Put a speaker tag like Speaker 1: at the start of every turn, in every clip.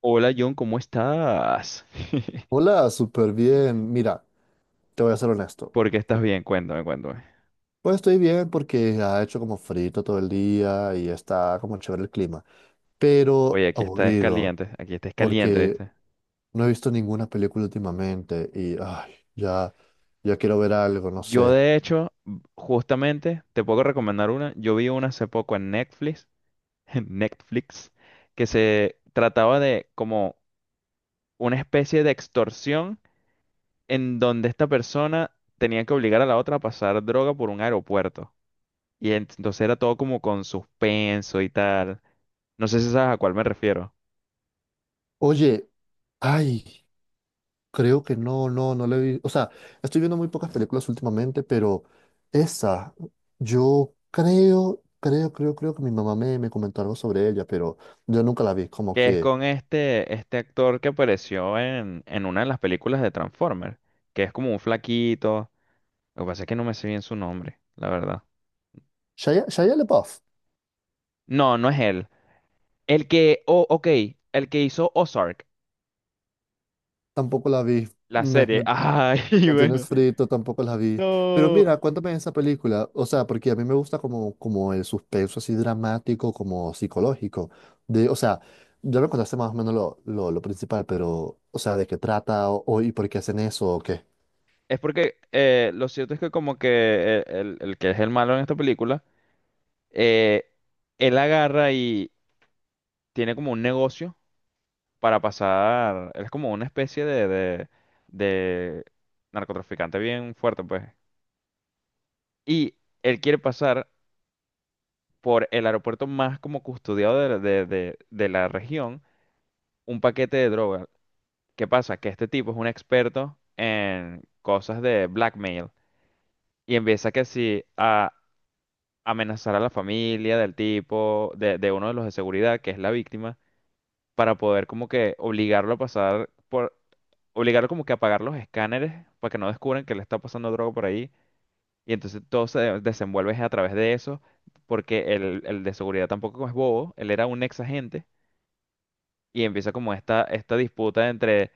Speaker 1: Hola John, ¿cómo estás?
Speaker 2: Hola, súper bien. Mira, te voy a ser honesto.
Speaker 1: ¿Por qué estás bien? Cuéntame, cuéntame.
Speaker 2: Pues estoy bien porque ha hecho como frito todo el día y está como chévere el clima, pero
Speaker 1: Oye,
Speaker 2: aburrido
Speaker 1: aquí estás caliente,
Speaker 2: porque
Speaker 1: ¿viste?
Speaker 2: no he visto ninguna película últimamente y ay, ya, ya quiero ver algo, no
Speaker 1: Yo
Speaker 2: sé.
Speaker 1: de hecho, justamente, te puedo recomendar una. Yo vi una hace poco en Netflix, en Netflix, que se trataba de como una especie de extorsión en donde esta persona tenía que obligar a la otra a pasar droga por un aeropuerto. Y entonces era todo como con suspenso y tal. No sé si sabes a cuál me refiero.
Speaker 2: Oye, ay. Creo que no la he visto. O sea, estoy viendo muy pocas películas últimamente, pero esa, yo creo que mi mamá me comentó algo sobre ella, pero yo nunca la vi. Como
Speaker 1: Que es
Speaker 2: que
Speaker 1: con este actor que apareció en una de las películas de Transformers, que es como un flaquito. Lo que pasa es que no me sé bien su nombre, la verdad.
Speaker 2: Shia LaBeouf,
Speaker 1: No, no es él. El que, oh, ok, el que hizo Ozark,
Speaker 2: tampoco la vi.
Speaker 1: la
Speaker 2: Me,
Speaker 1: serie.
Speaker 2: me,
Speaker 1: Ay,
Speaker 2: me
Speaker 1: bueno,
Speaker 2: tienes frito, tampoco la vi. Pero
Speaker 1: no.
Speaker 2: mira, cuéntame esa película. O sea, porque a mí me gusta como el suspenso así dramático, como psicológico. De, o sea, ya me contaste más o menos lo principal, pero, o sea, ¿de qué trata o, y por qué hacen eso o qué?
Speaker 1: Es porque lo cierto es que como que el que es el malo en esta película, eh, él agarra y tiene como un negocio para pasar, él es como una especie de narcotraficante bien fuerte, pues. Y él quiere pasar por el aeropuerto más como custodiado de la región un paquete de droga. ¿Qué pasa? Que este tipo es un experto en cosas de blackmail y empieza que sí a amenazar a la familia del tipo, de uno de los de seguridad, que es la víctima para poder como que obligarlo a pasar por, obligarlo como que a apagar los escáneres para que no descubran que le está pasando droga por ahí. Y entonces todo se desenvuelve es a través de eso, porque el de seguridad tampoco es bobo, él era un ex agente y empieza como esta disputa entre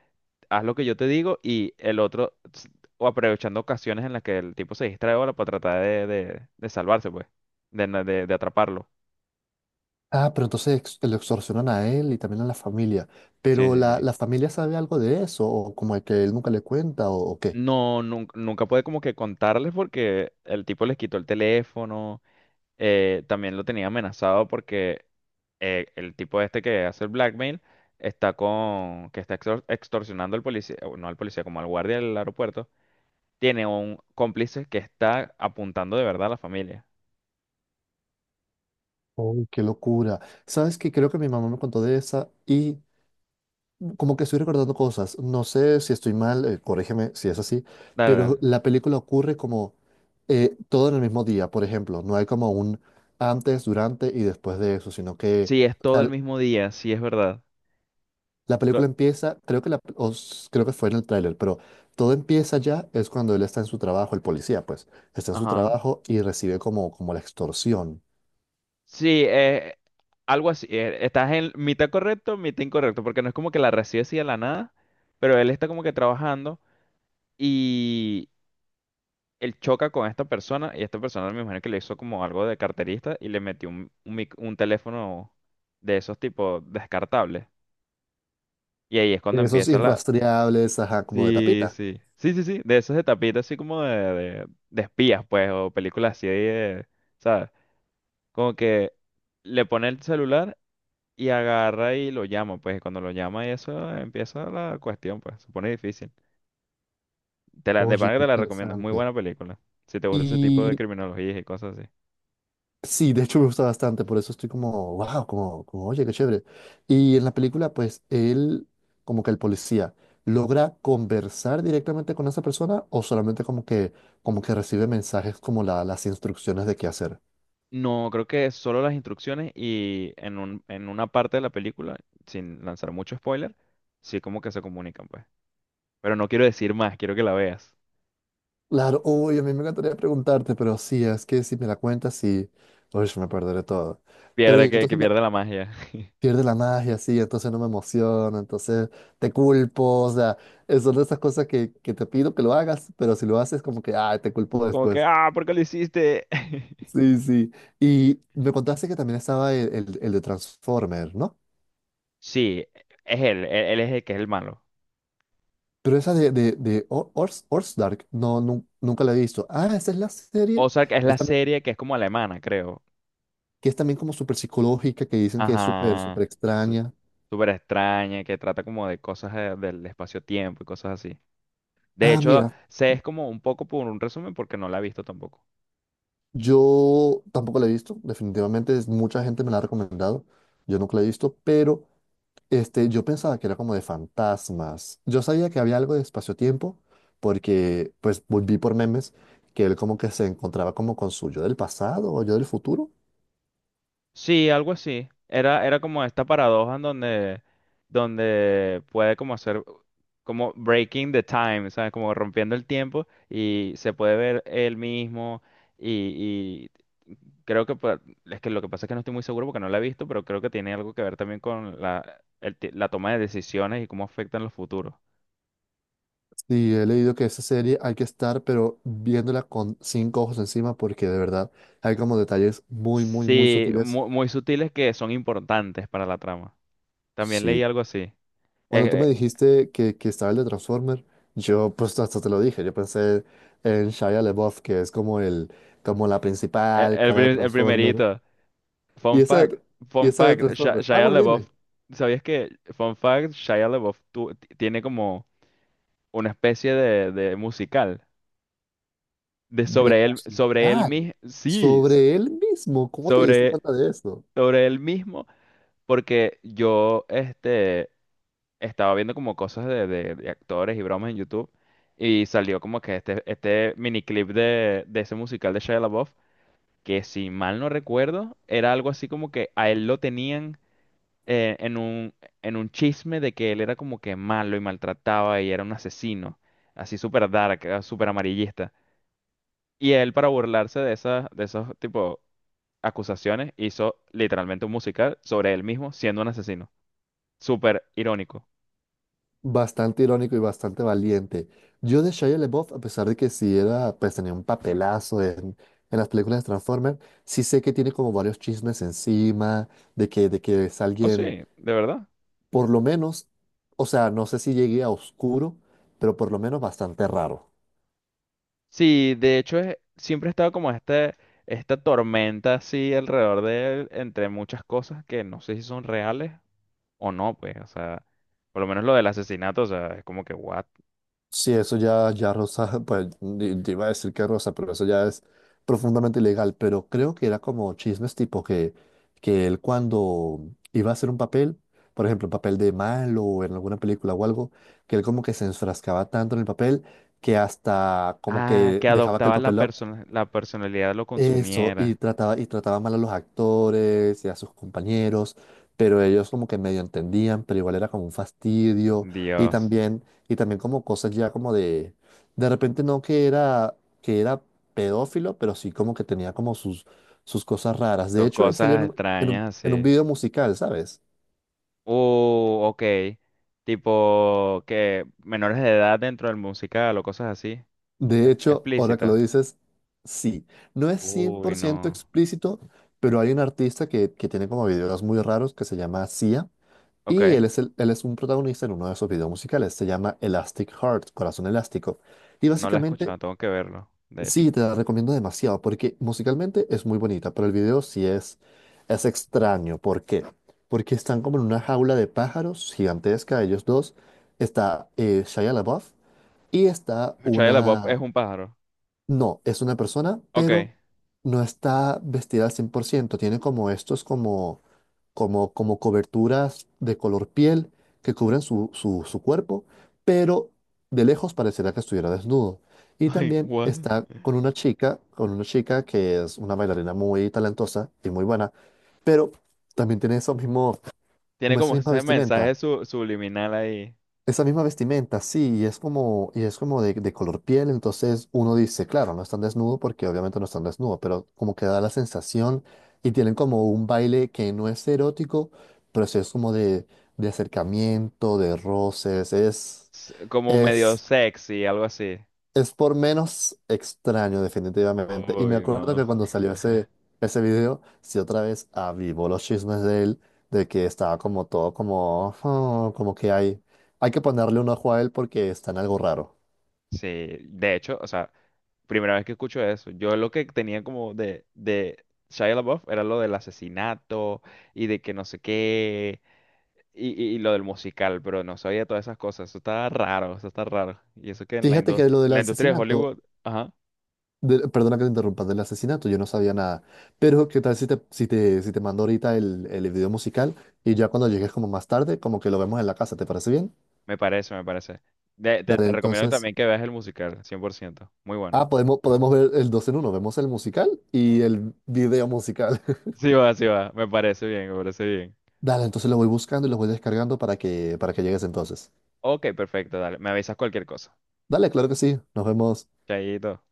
Speaker 1: haz lo que yo te digo y el otro, o aprovechando ocasiones en las que el tipo se distrae ahora para tratar de salvarse, pues, de, de atraparlo.
Speaker 2: Ah, pero entonces lo extorsionan a él y también a la familia.
Speaker 1: Sí,
Speaker 2: Pero
Speaker 1: sí,
Speaker 2: la,
Speaker 1: sí.
Speaker 2: la familia sabe algo de eso, o como que él nunca le cuenta, o qué.
Speaker 1: No, nunca pude como que contarles porque el tipo les quitó el teléfono, también lo tenía amenazado porque el tipo este que hace el blackmail está con, que está extorsionando al policía, o no al policía, como al guardia del aeropuerto, tiene un cómplice que está apuntando de verdad a la familia.
Speaker 2: Uy, qué locura. Sabes que creo que mi mamá me contó de esa y como que estoy recordando cosas. No sé si estoy mal, corrígeme si es así,
Speaker 1: Dale,
Speaker 2: pero
Speaker 1: dale.
Speaker 2: la película ocurre como todo en el mismo día, por ejemplo. No hay como un antes, durante y después de eso, sino que
Speaker 1: Sí, es
Speaker 2: o
Speaker 1: todo el
Speaker 2: sea,
Speaker 1: mismo día, sí es verdad.
Speaker 2: la
Speaker 1: Lo-
Speaker 2: película empieza, creo que, la, creo que fue en el tráiler, pero todo empieza ya, es cuando él está en su trabajo, el policía, pues, está en su
Speaker 1: Ajá.
Speaker 2: trabajo y recibe como la extorsión.
Speaker 1: Sí, algo así. Estás en mitad correcto, mitad incorrecto, porque no es como que la recibe así de la nada, pero él está como que trabajando y él choca con esta persona y esta persona me imagino que le hizo como algo de carterista y le metió un teléfono de esos tipos descartables. Y ahí es cuando
Speaker 2: Esos
Speaker 1: empieza la...
Speaker 2: irrastreables, ajá, como de
Speaker 1: Sí,
Speaker 2: tapita.
Speaker 1: sí. Sí, sí, sí. De esos de tapita así como de espías, pues, o películas así de... ¿Sabes? Como que le pone el celular. Y agarra y lo llama, pues cuando lo llama y eso empieza la cuestión, pues se pone difícil. Te la, de
Speaker 2: Oye,
Speaker 1: pana que
Speaker 2: qué
Speaker 1: te la recomiendo, es muy
Speaker 2: interesante.
Speaker 1: buena película. Si te gusta ese tipo de
Speaker 2: Y
Speaker 1: criminologías y cosas así.
Speaker 2: sí, de hecho me gusta bastante, por eso estoy como, wow, oye, qué chévere. Y en la película, pues, él, como que el policía, logra conversar directamente con esa persona o solamente como que recibe mensajes como las instrucciones de qué hacer.
Speaker 1: No, creo que solo las instrucciones y en un, en una parte de la película, sin lanzar mucho spoiler, sí como que se comunican, pues. Pero no quiero decir más, quiero que la veas.
Speaker 2: Claro, uy, a mí me encantaría preguntarte, pero sí, es que si me la cuentas, sí, uy, me perderé todo. Pero y
Speaker 1: Pierde que
Speaker 2: entonces me
Speaker 1: pierde la magia.
Speaker 2: pierde la magia, sí, entonces no me emociona, entonces te culpo, o sea, son de esas cosas que te pido que lo hagas, pero si lo haces, como que, ay, te culpo
Speaker 1: Como que,
Speaker 2: después.
Speaker 1: ah, ¿por qué lo hiciste?
Speaker 2: Sí, sí. Y me contaste que también estaba el de Transformer, ¿no?
Speaker 1: Sí, es él es el que es el malo.
Speaker 2: Pero esa de Ors, Dark, no, nunca la he visto. Ah, esa es la serie
Speaker 1: Ozark es
Speaker 2: que
Speaker 1: la
Speaker 2: es también,
Speaker 1: serie que es como alemana, creo.
Speaker 2: que es también como súper psicológica, que dicen que es súper
Speaker 1: Ajá. su-
Speaker 2: extraña.
Speaker 1: Súper extraña, que trata como de cosas del espacio-tiempo y cosas así. De
Speaker 2: Ah,
Speaker 1: hecho,
Speaker 2: mira,
Speaker 1: sé es como un poco por un resumen porque no la he visto tampoco.
Speaker 2: yo tampoco la he visto, definitivamente mucha gente me la ha recomendado, yo nunca la he visto, pero este, yo pensaba que era como de fantasmas. Yo sabía que había algo de espacio-tiempo, porque pues volví por memes que él como que se encontraba como con su yo del pasado o yo del futuro.
Speaker 1: Sí, algo así. Era, era como esta paradoja en donde, donde puede como hacer como breaking the time, ¿sabes? Como rompiendo el tiempo y se puede ver él mismo y, y creo que es que lo que pasa es que no estoy muy seguro porque no la he visto, pero creo que tiene algo que ver también con la, el la toma de decisiones y cómo afectan los futuros.
Speaker 2: Sí, he leído que esa serie hay que estar, pero viéndola con cinco ojos encima, porque de verdad hay como detalles muy
Speaker 1: Sí,
Speaker 2: sutiles.
Speaker 1: muy, sutiles que son importantes para la trama. También leí
Speaker 2: Sí.
Speaker 1: algo así.
Speaker 2: Cuando tú
Speaker 1: Eh,
Speaker 2: me dijiste que estaba el de Transformer, yo pues hasta te lo dije, yo pensé en Shia LaBeouf, que es como el, como la principal
Speaker 1: El,
Speaker 2: cara de
Speaker 1: el
Speaker 2: Transformer.
Speaker 1: primerito.
Speaker 2: Y
Speaker 1: Fun
Speaker 2: esa,
Speaker 1: fact,
Speaker 2: y
Speaker 1: fun
Speaker 2: esa de
Speaker 1: fact,
Speaker 2: Transformer. Ah,
Speaker 1: Shia
Speaker 2: bueno, dime,
Speaker 1: LaBeouf, ¿sabías que, fun fact, Shia LaBeouf tiene como una especie de musical de
Speaker 2: de
Speaker 1: sobre él
Speaker 2: musical,
Speaker 1: mismo, sí,
Speaker 2: sobre él mismo, ¿cómo te diste
Speaker 1: sobre,
Speaker 2: cuenta de eso?
Speaker 1: sobre él mismo, porque yo, este, estaba viendo como cosas de actores y bromas en YouTube y salió como que este miniclip de ese musical de Shia LaBeouf, que si mal no recuerdo, era algo así como que a él lo tenían eh, en un, en un chisme de que él era como que malo y maltrataba y era un asesino, así súper dark, súper amarillista. Y él, para burlarse de esas, de esos tipo acusaciones, hizo literalmente un musical sobre él mismo siendo un asesino. Súper irónico.
Speaker 2: Bastante irónico y bastante valiente. Yo de Shia LaBeouf, a pesar de que sí era, pues tenía un papelazo en las películas de Transformer, sí sé que tiene como varios chismes encima de de que es
Speaker 1: Oh, sí,
Speaker 2: alguien.
Speaker 1: de verdad.
Speaker 2: Por lo menos, o sea, no sé si llegué a oscuro, pero por lo menos bastante raro.
Speaker 1: Sí, de hecho, siempre ha estado como este, esta tormenta así alrededor de él, entre muchas cosas que no sé si son reales o no, pues, o sea, por lo menos lo del asesinato, o sea, es como que, what?
Speaker 2: Sí, eso ya, ya rosa, pues te iba a decir que rosa, pero eso ya es profundamente ilegal. Pero creo que era como chismes tipo que él cuando iba a hacer un papel, por ejemplo, un papel de malo o en alguna película o algo, que él como que se enfrascaba tanto en el papel que hasta como
Speaker 1: Ah,
Speaker 2: que
Speaker 1: que
Speaker 2: dejaba que el
Speaker 1: adoptaba la
Speaker 2: papel lo-
Speaker 1: persona, la personalidad lo
Speaker 2: Eso,
Speaker 1: consumiera.
Speaker 2: y trataba mal a los actores y a sus compañeros, pero ellos como que medio entendían, pero igual era como un fastidio,
Speaker 1: Dios,
Speaker 2: y también como cosas ya como de repente no que era, que era pedófilo, pero sí como que tenía como sus, sus cosas raras. De
Speaker 1: dos
Speaker 2: hecho, él salió en
Speaker 1: cosas extrañas
Speaker 2: en un
Speaker 1: así.
Speaker 2: video musical, ¿sabes?
Speaker 1: Ok. Tipo que menores de edad dentro del musical o cosas así.
Speaker 2: De hecho, ahora que lo
Speaker 1: Explícitas.
Speaker 2: dices, sí, no es cien
Speaker 1: Uy,
Speaker 2: por ciento
Speaker 1: no.
Speaker 2: explícito, pero hay un artista que tiene como videos muy raros que se llama Sia.
Speaker 1: Ok,
Speaker 2: Y él es, él es un protagonista en uno de esos videos musicales. Se llama Elastic Heart, Corazón Elástico. Y
Speaker 1: no la he escuchado,
Speaker 2: básicamente,
Speaker 1: tengo que verlo, de hecho.
Speaker 2: sí, te la recomiendo demasiado porque musicalmente es muy bonita, pero el video sí es extraño. ¿Por qué? Porque están como en una jaula de pájaros gigantesca, ellos dos. Está Shia LaBeouf y está
Speaker 1: Shia LaBeouf es
Speaker 2: una,
Speaker 1: un pájaro.
Speaker 2: no, es una persona,
Speaker 1: Ok.
Speaker 2: pero no está vestida al 100%. Tiene como estos, como coberturas de color piel que cubren su cuerpo, pero de lejos parecerá que estuviera desnudo. Y
Speaker 1: Ay,
Speaker 2: también
Speaker 1: what?
Speaker 2: está con una chica que es una bailarina muy talentosa y muy buena, pero también tiene eso mismo,
Speaker 1: Tiene
Speaker 2: como esa
Speaker 1: como
Speaker 2: misma
Speaker 1: ese mensaje
Speaker 2: vestimenta,
Speaker 1: subliminal ahí.
Speaker 2: esa misma vestimenta, sí, y es como de color piel, entonces uno dice, claro, no están desnudo porque obviamente no están desnudo, pero como que da la sensación y tienen como un baile que no es erótico, pero sí es como de acercamiento, de roces,
Speaker 1: Como medio
Speaker 2: es
Speaker 1: sexy, algo así.
Speaker 2: es por menos extraño, definitivamente. Y me
Speaker 1: Uy,
Speaker 2: acuerdo
Speaker 1: no.
Speaker 2: que cuando salió ese, ese video, sí otra vez avivó los chismes de él, de que estaba como todo como, "Oh, como que hay que ponerle un ojo a él porque está en algo raro".
Speaker 1: Sí, de hecho, o sea, primera vez que escucho eso. Yo lo que tenía como de Shia LaBeouf era lo del asesinato y de que no sé qué y, y lo del musical, pero no sabía todas esas cosas. Eso está raro, eso está raro. Y eso que
Speaker 2: Fíjate que lo
Speaker 1: en
Speaker 2: del
Speaker 1: la industria de
Speaker 2: asesinato,
Speaker 1: Hollywood, ajá,
Speaker 2: perdona que te interrumpa, del asesinato, yo no sabía nada. Pero qué tal si te, si te mando ahorita el video musical y ya cuando llegues como más tarde, como que lo vemos en la casa, ¿te parece bien?
Speaker 1: me parece, me parece. Te,
Speaker 2: Dale,
Speaker 1: te recomiendo
Speaker 2: entonces.
Speaker 1: también que veas el musical, 100%. Muy bueno.
Speaker 2: Ah, podemos, podemos ver el dos en uno. Vemos el musical y el video musical.
Speaker 1: Sí va, me parece bien, me parece bien.
Speaker 2: Dale, entonces lo voy buscando y lo voy descargando para para que llegues entonces.
Speaker 1: Ok, perfecto, dale. Me avisas cualquier cosa.
Speaker 2: Dale, claro que sí. Nos vemos.
Speaker 1: Chaito.